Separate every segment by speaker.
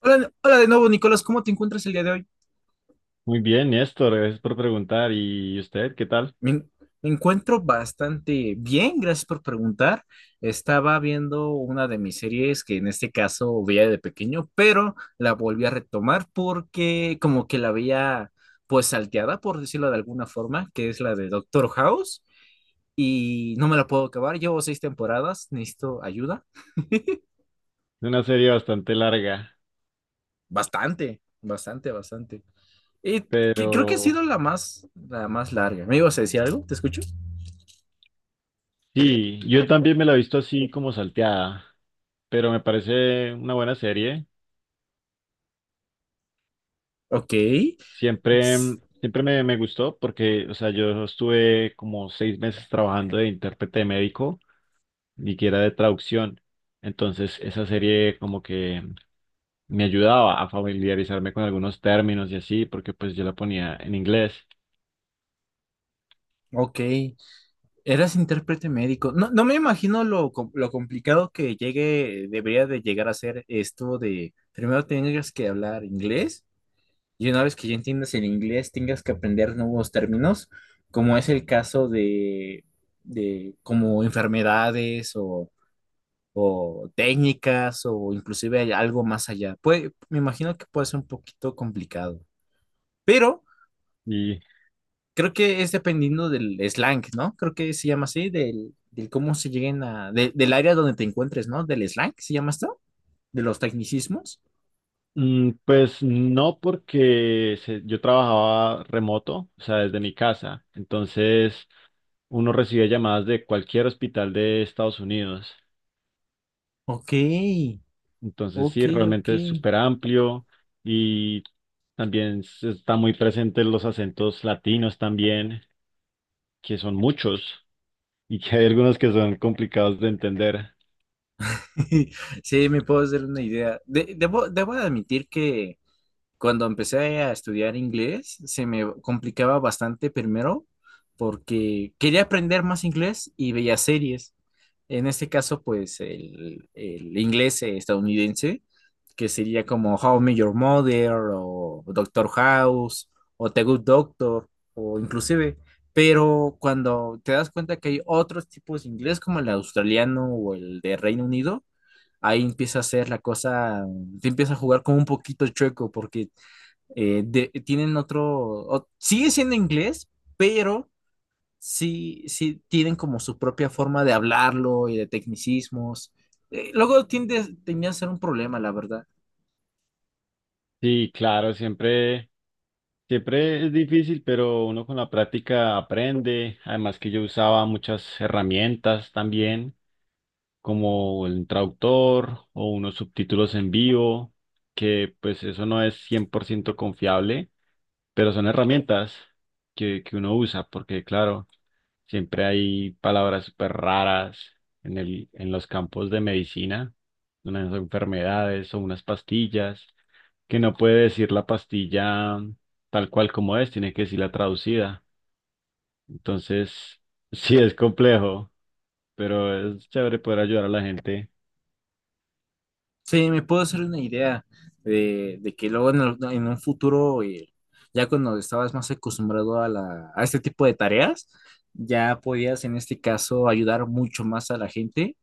Speaker 1: Hola, hola de nuevo, Nicolás, ¿cómo te encuentras el día de hoy?
Speaker 2: Muy bien, Néstor, gracias por preguntar. ¿Y usted qué tal?
Speaker 1: Me, en- Me encuentro bastante bien, gracias por preguntar. Estaba viendo una de mis series que en este caso veía de pequeño, pero la volví a retomar porque como que la veía pues salteada, por decirlo de alguna forma, que es la de Doctor House y no me la puedo acabar. Llevo seis temporadas, necesito ayuda.
Speaker 2: Es una serie bastante larga,
Speaker 1: Bastante, bastante, bastante. Y Creo que ha
Speaker 2: pero
Speaker 1: sido la más larga. ¿Me ibas a decir algo? ¿Te escucho?
Speaker 2: sí, yo también me la he visto así como salteada, pero me parece una buena serie.
Speaker 1: Ok.
Speaker 2: Siempre,
Speaker 1: Ps,
Speaker 2: mm, siempre me gustó porque, o sea, yo estuve como 6 meses trabajando de intérprete médico, ni que era de traducción. Entonces, esa serie como que me ayudaba a familiarizarme con algunos términos y así, porque pues yo la ponía en inglés.
Speaker 1: ok. Eras intérprete médico. No, no me imagino lo complicado que debería de llegar a ser esto de primero tengas que hablar inglés y una vez que ya entiendas el inglés tengas que aprender nuevos términos, como es el caso de como enfermedades o técnicas o inclusive hay algo más allá. Me imagino que puede ser un poquito complicado, pero
Speaker 2: Y
Speaker 1: creo que es dependiendo del slang, ¿no? Creo que se llama así, del cómo se lleguen a, del área donde te encuentres, ¿no? Del slang, ¿se llama esto? De los tecnicismos.
Speaker 2: Pues no, porque yo trabajaba remoto, o sea, desde mi casa. Entonces, uno recibe llamadas de cualquier hospital de Estados Unidos.
Speaker 1: Ok,
Speaker 2: Entonces,
Speaker 1: ok,
Speaker 2: sí,
Speaker 1: ok.
Speaker 2: realmente es súper amplio y también están muy presentes los acentos latinos también, que son muchos y que hay algunos que son complicados de entender.
Speaker 1: Sí, me puedo hacer una idea. Debo debo, admitir que cuando empecé a estudiar inglés, se me complicaba bastante primero porque quería aprender más inglés y veía series. En este caso, pues el inglés estadounidense, que sería como How I Met Your Mother o Doctor House o The Good Doctor o inclusive, pero cuando te das cuenta que hay otros tipos de inglés como el australiano o el de Reino Unido, ahí empieza a ser la cosa, te empieza a jugar como un poquito chueco porque tienen otro, sigue siendo inglés, pero sí, sí tienen como su propia forma de hablarlo y de tecnicismos. Luego tenía a ser un problema, la verdad.
Speaker 2: Sí, claro, siempre. Siempre es difícil, pero uno con la práctica aprende. Además que yo usaba muchas herramientas también, como el traductor o unos subtítulos en vivo, que pues eso no es 100% confiable, pero son herramientas que uno usa, porque claro, siempre hay palabras súper raras en en los campos de medicina, unas enfermedades o unas pastillas que no puede decir la pastilla tal cual como es, tiene que decirla traducida. Entonces, sí es complejo, pero es chévere poder ayudar a la gente.
Speaker 1: Sí, me puedo hacer una idea de que luego en un futuro, ya cuando estabas más acostumbrado a, a este tipo de tareas, ya podías en este caso ayudar mucho más a la gente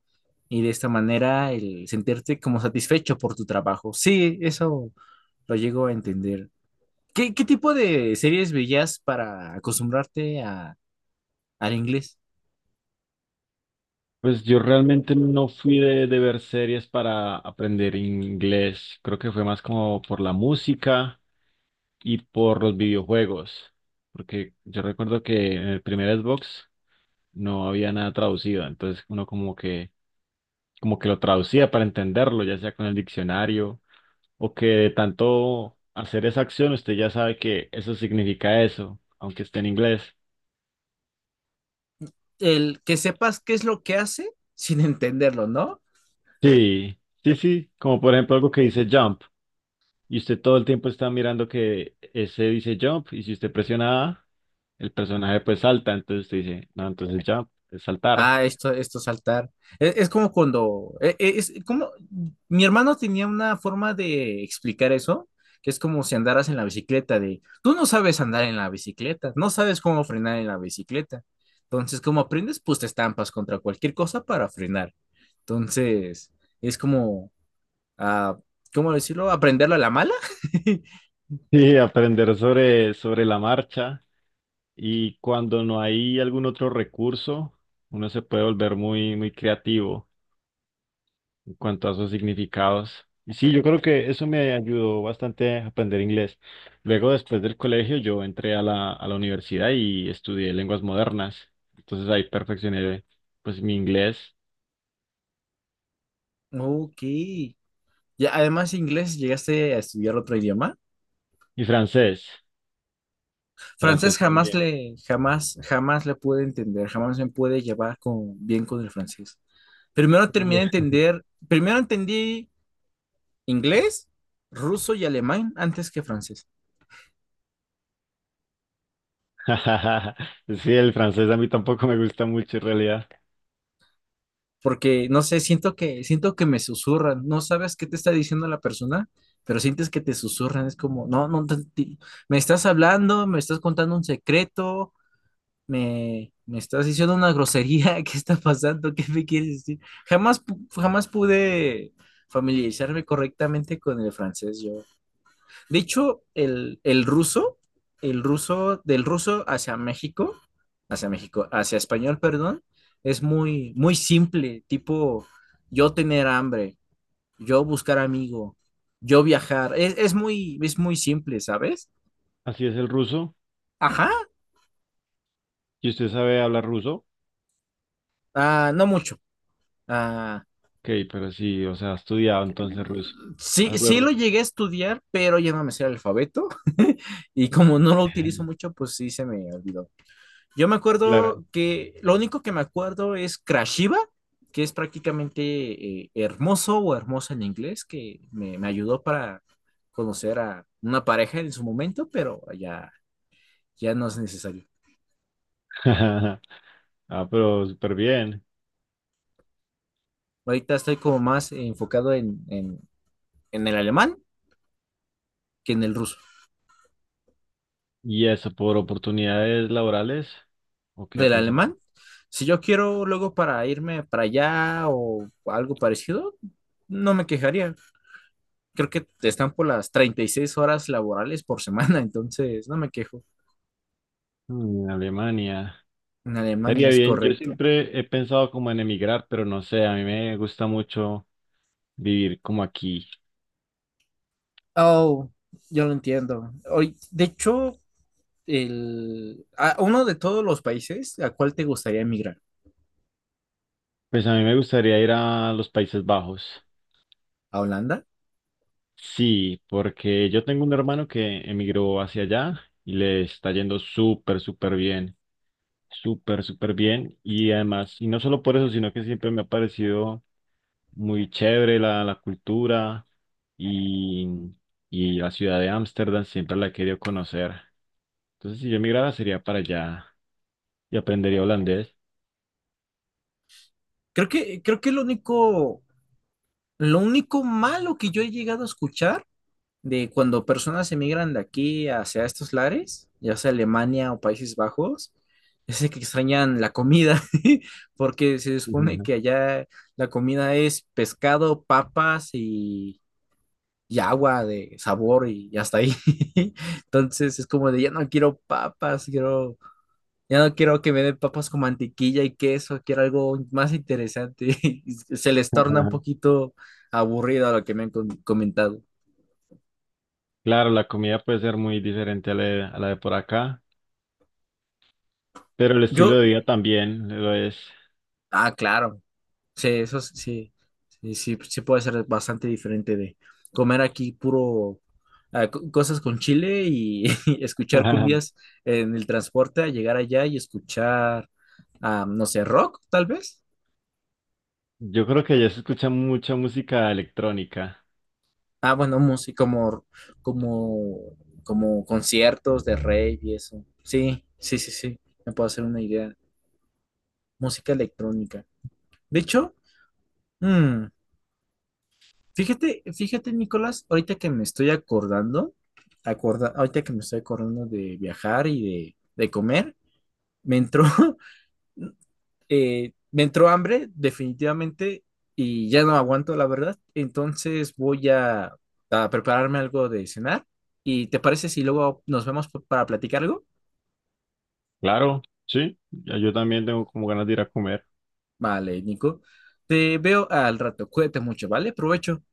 Speaker 1: y de esta manera el sentirte como satisfecho por tu trabajo. Sí, eso lo llego a entender. ¿Qué, qué tipo de series veías para acostumbrarte a, al inglés?
Speaker 2: Pues yo realmente no fui de ver series para aprender inglés. Creo que fue más como por la música y por los videojuegos. Porque yo recuerdo que en el primer Xbox no había nada traducido. Entonces uno como que lo traducía para entenderlo, ya sea con el diccionario o que de tanto hacer esa acción usted ya sabe que eso significa eso, aunque esté en inglés.
Speaker 1: El que sepas qué es lo que hace sin entenderlo, ¿no?
Speaker 2: Sí, sí, sí, como por ejemplo algo que dice jump y usted todo el tiempo está mirando que ese dice jump y si usted presiona A, el personaje pues salta, entonces usted dice, no, entonces jump es saltar.
Speaker 1: Ah, esto saltar. Es como cuando, es, como, mi hermano tenía una forma de explicar eso, que es como si andaras en la bicicleta, de, tú no sabes andar en la bicicleta, no sabes cómo frenar en la bicicleta. Entonces, como aprendes, pues te estampas contra cualquier cosa para frenar. Entonces, es como, ah, ¿cómo decirlo? Aprenderlo a la mala.
Speaker 2: Sí, aprender sobre la marcha y cuando no hay algún otro recurso, uno se puede volver muy, muy creativo. Cuanto a sus significados. Y sí, yo creo que eso me ayudó bastante a aprender inglés. Luego, después del colegio, yo entré a a la universidad y estudié lenguas modernas. Entonces ahí perfeccioné pues mi inglés
Speaker 1: Ok. Y además, inglés, ¿llegaste a estudiar otro idioma?
Speaker 2: y francés.
Speaker 1: Francés
Speaker 2: Francés también.
Speaker 1: jamás, jamás le pude entender, jamás me pude llevar bien con el francés. Primero terminé
Speaker 2: Uy.
Speaker 1: de entender, primero entendí inglés, ruso y alemán antes que francés,
Speaker 2: Sí, el francés a mí tampoco me gusta mucho en realidad.
Speaker 1: porque no sé, siento que me susurran, no sabes qué te está diciendo la persona, pero sientes que te susurran, es como, no, no, me estás hablando, me estás contando un secreto, me estás diciendo una grosería, ¿qué está pasando? ¿Qué me quieres decir? Jamás pude familiarizarme correctamente con el francés yo. De hecho, el ruso, del ruso hacia México, hacia México, hacia español, perdón, es muy, muy simple, tipo yo tener hambre, yo buscar amigo, yo viajar, es muy simple, ¿sabes?
Speaker 2: Así es el ruso.
Speaker 1: Ajá,
Speaker 2: ¿Y usted sabe hablar ruso?
Speaker 1: ah, no mucho. Ah,
Speaker 2: Ok, pero sí, o sea, ha estudiado entonces ruso.
Speaker 1: sí,
Speaker 2: Algo de
Speaker 1: sí lo
Speaker 2: ruso.
Speaker 1: llegué a estudiar, pero ya no me sé el alfabeto. Y como no lo utilizo mucho, pues sí se me olvidó. Yo me
Speaker 2: Claro.
Speaker 1: acuerdo que lo único que me acuerdo es Krashiva, que es prácticamente hermoso o hermosa en inglés, que me ayudó para conocer a una pareja en su momento, pero ya, ya no es necesario.
Speaker 2: Ah, pero súper bien.
Speaker 1: Ahorita estoy como más enfocado en en el alemán que en el ruso.
Speaker 2: ¿Y eso por oportunidades laborales? ¿O qué ha
Speaker 1: Del alemán,
Speaker 2: pensado?
Speaker 1: si yo quiero luego para irme para allá o algo parecido, no me quejaría. Creo que están por las 36 horas laborales por semana, entonces no me quejo.
Speaker 2: En Alemania.
Speaker 1: En Alemania
Speaker 2: Estaría
Speaker 1: es
Speaker 2: bien. Yo
Speaker 1: correcto.
Speaker 2: siempre he pensado como en emigrar, pero no sé, a mí me gusta mucho vivir como aquí.
Speaker 1: Oh, yo lo entiendo. Hoy, de hecho, el, a uno de todos los países, ¿a cuál te gustaría emigrar?
Speaker 2: Pues a mí me gustaría ir a los Países Bajos.
Speaker 1: ¿A Holanda?
Speaker 2: Sí, porque yo tengo un hermano que emigró hacia allá y le está yendo súper, súper bien, súper, súper bien. Y además, y no solo por eso, sino que siempre me ha parecido muy chévere la cultura y, y la ciudad de Ámsterdam, siempre la he querido conocer. Entonces, si yo emigrara, sería para allá y aprendería holandés.
Speaker 1: Creo que lo único malo que yo he llegado a escuchar de cuando personas emigran de aquí hacia estos lares, ya sea Alemania o Países Bajos, es de que extrañan la comida, porque se supone
Speaker 2: Ujú.
Speaker 1: que allá la comida es pescado, papas y agua de sabor y hasta ahí. Entonces es como de, ya no quiero papas, quiero, ya no quiero que me den papas con mantequilla y queso, quiero algo más interesante. Y se les torna un poquito aburrido a lo que me han comentado.
Speaker 2: Claro, la comida puede ser muy diferente a a la de por acá, pero el
Speaker 1: Yo,
Speaker 2: estilo de vida también lo es.
Speaker 1: ah, claro. Sí, eso sí, sí, sí, sí puede ser bastante diferente de comer aquí puro cosas con chile y, y escuchar
Speaker 2: Ajá.
Speaker 1: cumbias en el transporte a llegar allá y escuchar, ah, no sé, rock tal vez.
Speaker 2: Yo creo que ya se escucha mucha música electrónica.
Speaker 1: Ah, bueno, música como, como, como conciertos de rey y eso. Sí, sí, sí, sí, me puedo hacer una idea. Música electrónica. De hecho, mm, fíjate, fíjate, Nicolás, ahorita que me estoy acordando, ahorita que me estoy acordando de viajar y de comer, me entró, me entró hambre, definitivamente, y ya no aguanto, la verdad. Entonces voy a prepararme algo de cenar. ¿Y te parece si luego nos vemos para platicar algo?
Speaker 2: Claro, sí, ya. Yo también tengo como ganas de ir a comer.
Speaker 1: Vale, Nico. Te veo al rato. Cuídate mucho, ¿vale? Provecho.